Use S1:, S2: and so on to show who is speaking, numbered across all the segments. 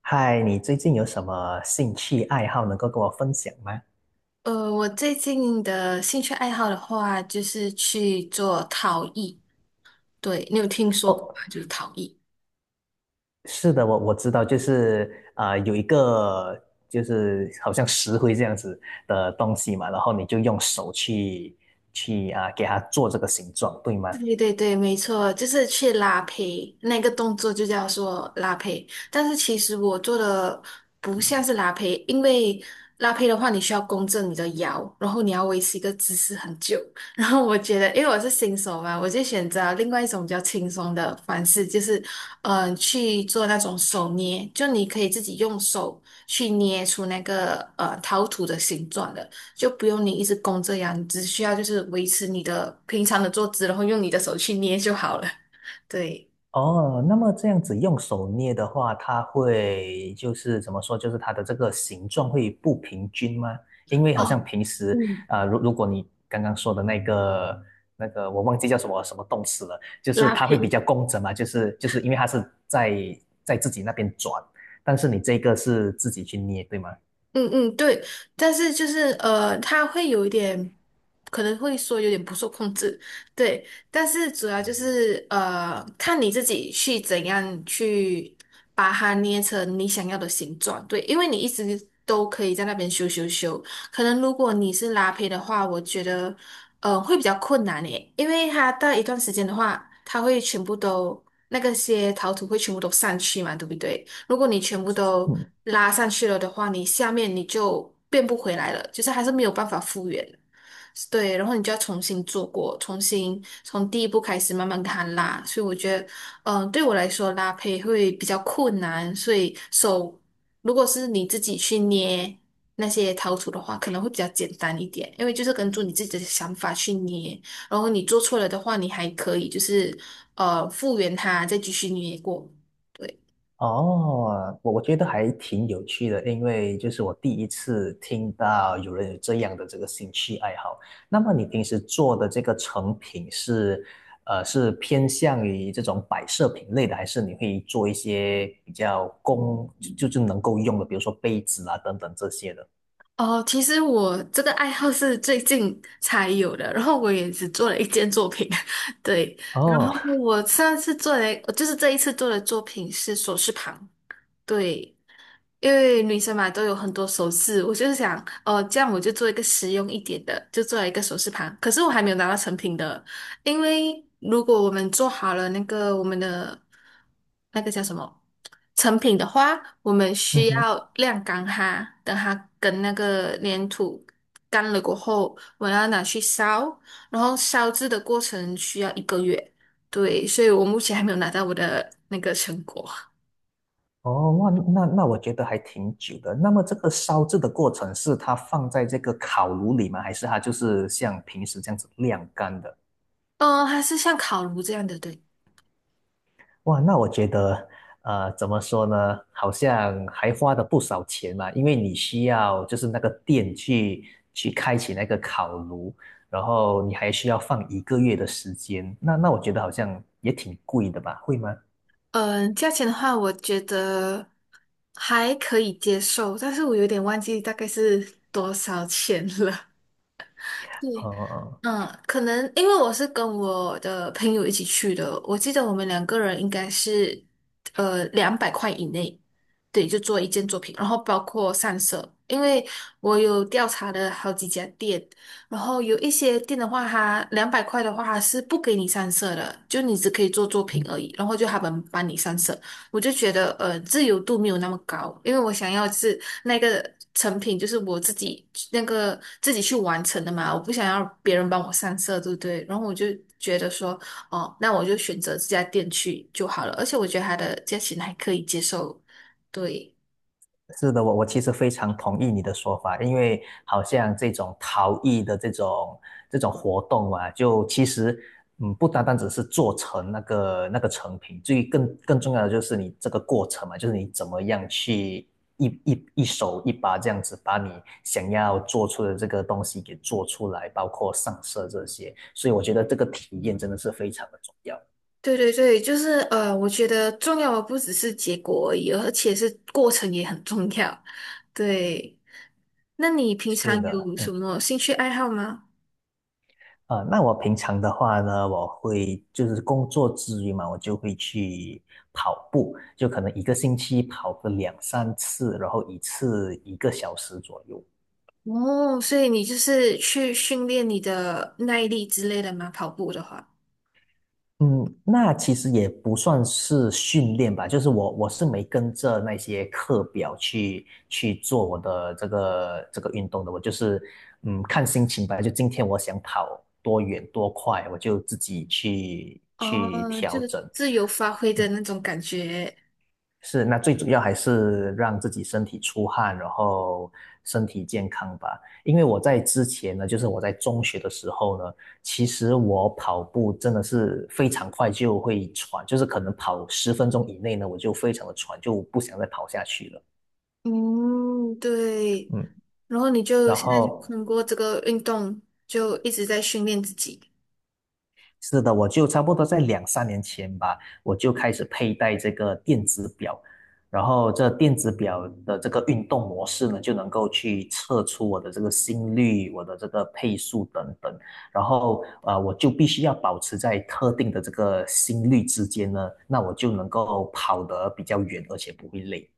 S1: 嗨，你最近有什么兴趣爱好能够跟我分享吗？
S2: 我最近的兴趣爱好的话，就是去做陶艺。对，你有听说过
S1: 哦，
S2: 吗？就是陶艺。
S1: 是的，我知道，就是有一个就是好像石灰这样子的东西嘛，然后你就用手去给它做这个形状，对吗？
S2: 对对对，没错，就是去拉胚，那个动作就叫做拉胚。但是其实我做的不像是拉胚，因为拉胚的话，你需要弓正你的腰，然后你要维持一个姿势很久。然后我觉得，因为我是新手嘛，我就选择另外一种比较轻松的方式，就是去做那种手捏，就你可以自己用手去捏出那个陶土的形状的。就不用你一直弓这样，你只需要就是维持你的平常的坐姿，然后用你的手去捏就好了。对，
S1: 哦，那么这样子用手捏的话，它会就是怎么说，就是它的这个形状会不平均吗？因为好像
S2: 哦，
S1: 平时
S2: 嗯，
S1: 如果你刚刚说的那个，我忘记叫什么什么动词了，就是
S2: 拉
S1: 它会比
S2: 皮。
S1: 较工整嘛，就是因为它是在自己那边转，但是你这个是自己去捏，对吗？
S2: 嗯嗯，对，但是就是他会有一点，可能会说有点不受控制，对，但是主要就是看你自己去怎样去把它捏成你想要的形状，对，因为你一直都可以在那边修修修，可能如果你是拉胚的话，我觉得会比较困难诶，因为它到一段时间的话，它会全部都那个些陶土会全部都散去嘛，对不对？如果你全部都
S1: 嗯。
S2: 拉上去了的话，你下面你就变不回来了，就是还是没有办法复原的。对，然后你就要重新做过，重新从第一步开始慢慢给它拉。所以我觉得，对我来说拉胚会比较困难，所以手如果是你自己去捏那些陶土的话，可能会比较简单一点，因为就是根据你自己的想法去捏。然后你做错了的话，你还可以就是复原它，再继续捏过。对。
S1: 哦，我觉得还挺有趣的，因为就是我第一次听到有人有这样的这个兴趣爱好。那么你平时做的这个成品是，是偏向于这种摆设品类的，还是你会做一些比较工，就是能够用的，比如说杯子啊等等这些的？
S2: 哦，其实我这个爱好是最近才有的，然后我也只做了一件作品，对，然
S1: 哦，
S2: 后我上次做的，就是这一次做的作品是首饰盘，对。因为女生嘛都有很多首饰，我就是想，哦，这样我就做一个实用一点的，就做了一个首饰盘。可是我还没有拿到成品的，因为如果我们做好了那个我们的那个叫什么成品的话，我们
S1: 嗯
S2: 需
S1: 哼，
S2: 要晾干它，等它跟那个粘土干了过后，我要拿去烧，然后烧制的过程需要1个月，对，所以我目前还没有拿到我的那个成果。
S1: 哦，哇，那我觉得还挺久的。那么这个烧制的过程是它放在这个烤炉里吗？还是它就是像平时这样子晾干的？
S2: 嗯，还是像烤炉这样的，对。
S1: 哇，那我觉得，怎么说呢？好像还花了不少钱嘛，因为你需要就是那个电去开启那个烤炉，然后你还需要放一个月的时间。那我觉得好像也挺贵的吧？会吗？嗯。
S2: 嗯，价钱的话，我觉得还可以接受，但是我有点忘记大概是多少钱了。
S1: 哦
S2: 对，
S1: 哦
S2: 嗯，可能因为我是跟我的朋友一起去的，我记得我们两个人应该是两百块以内，对，就做一件作品，然后包括上色，因为我有调查了好几家店，然后有一些店的话，它两百块的话，是不给你上色的，就你只可以做作品而已，然后就他们帮你上色。我就觉得自由度没有那么高，因为我想要是那个成品就是我自己那个自己去完成的嘛，我不想要别人帮我上色，对不对？然后我就觉得说，哦，那我就选择这家店去就好了，而且我觉得它的价钱还可以接受，对。
S1: 是的，我其实非常同意你的说法，因为好像这种陶艺的这种活动啊，就其实不单单只是做成那个成品，最更重要的就是你这个过程嘛，就是你怎么样去一手一把这样子把你想要做出的这个东西给做出来，包括上色这些，所以我觉得这个体验真的是非常的重要。
S2: 对对对，就是我觉得重要的不只是结果而已，而且是过程也很重要。对，那你平
S1: 是
S2: 常
S1: 的，
S2: 有什么兴趣爱好吗？
S1: 那我平常的话呢，我会就是工作之余嘛，我就会去跑步，就可能一个星期跑个两三次，然后一次一个小时左右。
S2: 哦，所以你就是去训练你的耐力之类的吗？跑步的话，
S1: 嗯，那其实也不算是训练吧，就是我是没跟着那些课表去做我的这个运动的，我就是看心情吧，就今天我想跑多远多快，我就自己去
S2: 哦，就
S1: 调
S2: 是
S1: 整。
S2: 自由发挥的那种感觉。
S1: 是，那最主要还是让自己身体出汗，然后身体健康吧。因为我在之前呢，就是我在中学的时候呢，其实我跑步真的是非常快就会喘，就是可能跑10分钟以内呢，我就非常的喘，就不想再跑下去了。
S2: 嗯，对。
S1: 嗯，
S2: 然后你就
S1: 然
S2: 现在就
S1: 后
S2: 通过这个运动，就一直在训练自己。
S1: 是的，我就差不多在两三年前吧，我就开始佩戴这个电子表，然后这电子表的这个运动模式呢，就能够去测出我的这个心率、我的这个配速等等，然后我就必须要保持在特定的这个心率之间呢，那我就能够跑得比较远，而且不会累。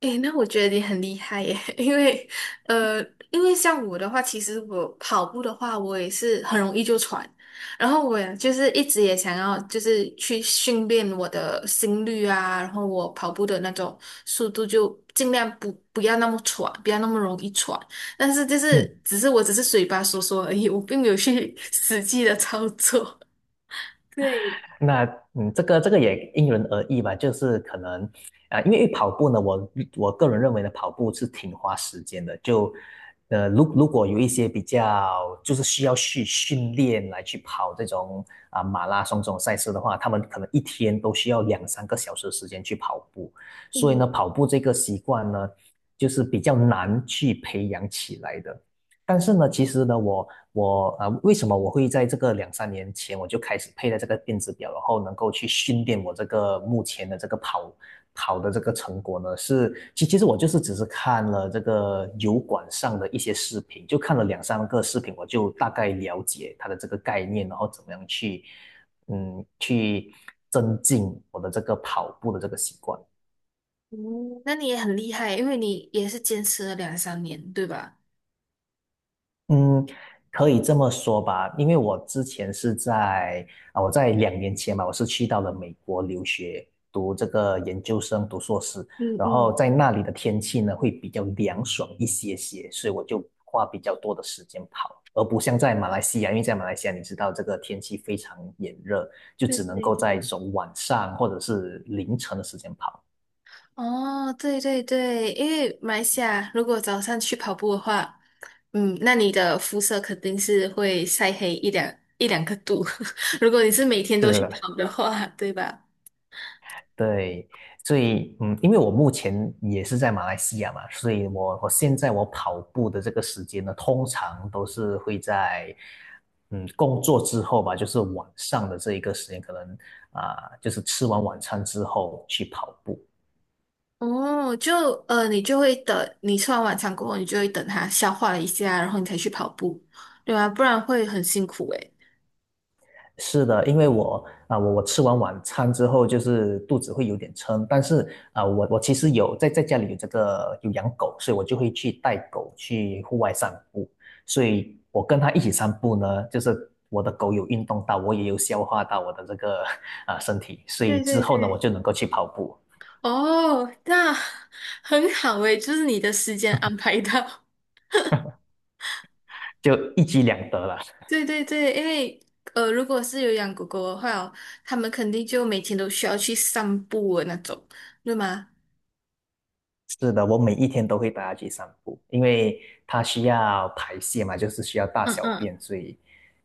S2: 诶，那我觉得你很厉害耶，因为呃，因为像我的话，其实我跑步的话，我也是很容易就喘，然后我也就是一直也想要就是去训练我的心率啊，然后我跑步的那种速度就尽量不要那么喘，不要那么容易喘，但是就是
S1: 嗯。
S2: 我只是嘴巴说说而已，我并没有去 实际的操作。对，
S1: 那这个也因人而异吧，就是可能因为跑步呢，我个人认为呢，跑步是挺花时间的。就如果有一些比较就是需要去训练来去跑这种马拉松这种赛事的话，他们可能一天都需要两三个小时的时间去跑步。所以
S2: 嗯，
S1: 呢，跑步这个习惯呢，就是比较难去培养起来的。但是呢，其实呢，我为什么我会在这个两三年前我就开始佩戴这个电子表，然后能够去训练我这个目前的这个跑的这个成果呢？是其实我就是只是看了这个油管上的一些视频，就看了两三个视频，我就大概了解它的这个概念，然后怎么样去去增进我的这个跑步的这个习惯。
S2: 嗯那你也很厉害，因为你也是坚持了2、3年，对吧？
S1: 嗯，可以这么说吧，因为我之前是在啊，我在2年前嘛，我是去到了美国留学，读这个研究生，读硕士，
S2: 嗯
S1: 然后
S2: 嗯
S1: 在那里的天气呢会比较凉爽一些些，所以我就花比较多的时间跑，而不像在马来西亚，因为在马来西亚你知道这个天气非常炎热，就
S2: 对
S1: 只能
S2: 对
S1: 够在
S2: 对，
S1: 这种晚上或者是凌晨的时间跑。
S2: 哦，对对对，因为马来西亚如果早上去跑步的话，嗯，那你的肤色肯定是会晒黑一两个度。如果你是每天都
S1: 对对
S2: 去
S1: 对。
S2: 跑的话，对吧？
S1: 对，所以因为我目前也是在马来西亚嘛，所以我现在我跑步的这个时间呢，通常都是会在工作之后吧，就是晚上的这一个时间，可能就是吃完晚餐之后去跑步。
S2: 哦，就你就会等你吃完晚餐过后，你就会等它消化了一下，然后你才去跑步，对吧？不然会很辛苦诶。
S1: 是的，因为我啊、我我吃完晚餐之后，就是肚子会有点撑，但是我其实有在家里有这个有养狗，所以我就会去带狗去户外散步，所以我跟它一起散步呢，就是我的狗有运动到，我也有消化到我的这个 身体，所以
S2: 对
S1: 之
S2: 对
S1: 后呢，我
S2: 对，
S1: 就能够去跑步，
S2: 哦，那很好诶，就是你的时间安排到。
S1: 就一举两得了。
S2: 对对对，因为如果是有养狗狗的话哦，他们肯定就每天都需要去散步的那种，对吗？
S1: 是的，我每一天都会带它去散步，因为它需要排泄嘛，就是需要大
S2: 嗯
S1: 小
S2: 嗯，
S1: 便，所以，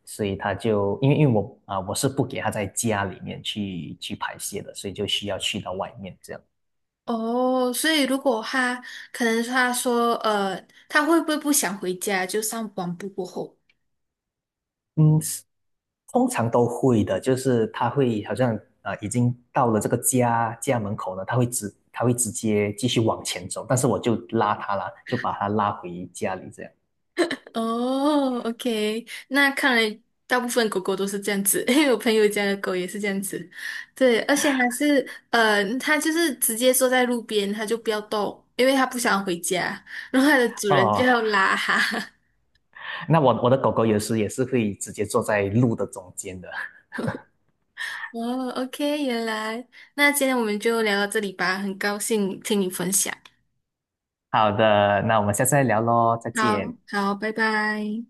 S1: 所以它就因为我是不给它在家里面去排泄的，所以就需要去到外面这样。
S2: 哦，所以如果他可能他说他会不会不想回家，就上完步过后？
S1: 嗯，通常都会的，就是它会好像已经到了这个家门口呢，它会直接继续往前走，但是我就拉它啦，就把它拉回家里这样。
S2: 哦，OK，那看来大部分狗狗都是这样子，因为我朋友家的狗也是这样子，对，而且还是它就是直接坐在路边，它就不要动，因为它不想回家，然后它的主人就
S1: 哦，
S2: 要拉它。
S1: 那我的狗狗有时也是会直接坐在路的中间的。
S2: 哦，OK，原来，那今天我们就聊到这里吧，很高兴听你分享。
S1: 好的，那我们下次再聊喽，再
S2: 好，
S1: 见。
S2: 好，拜拜。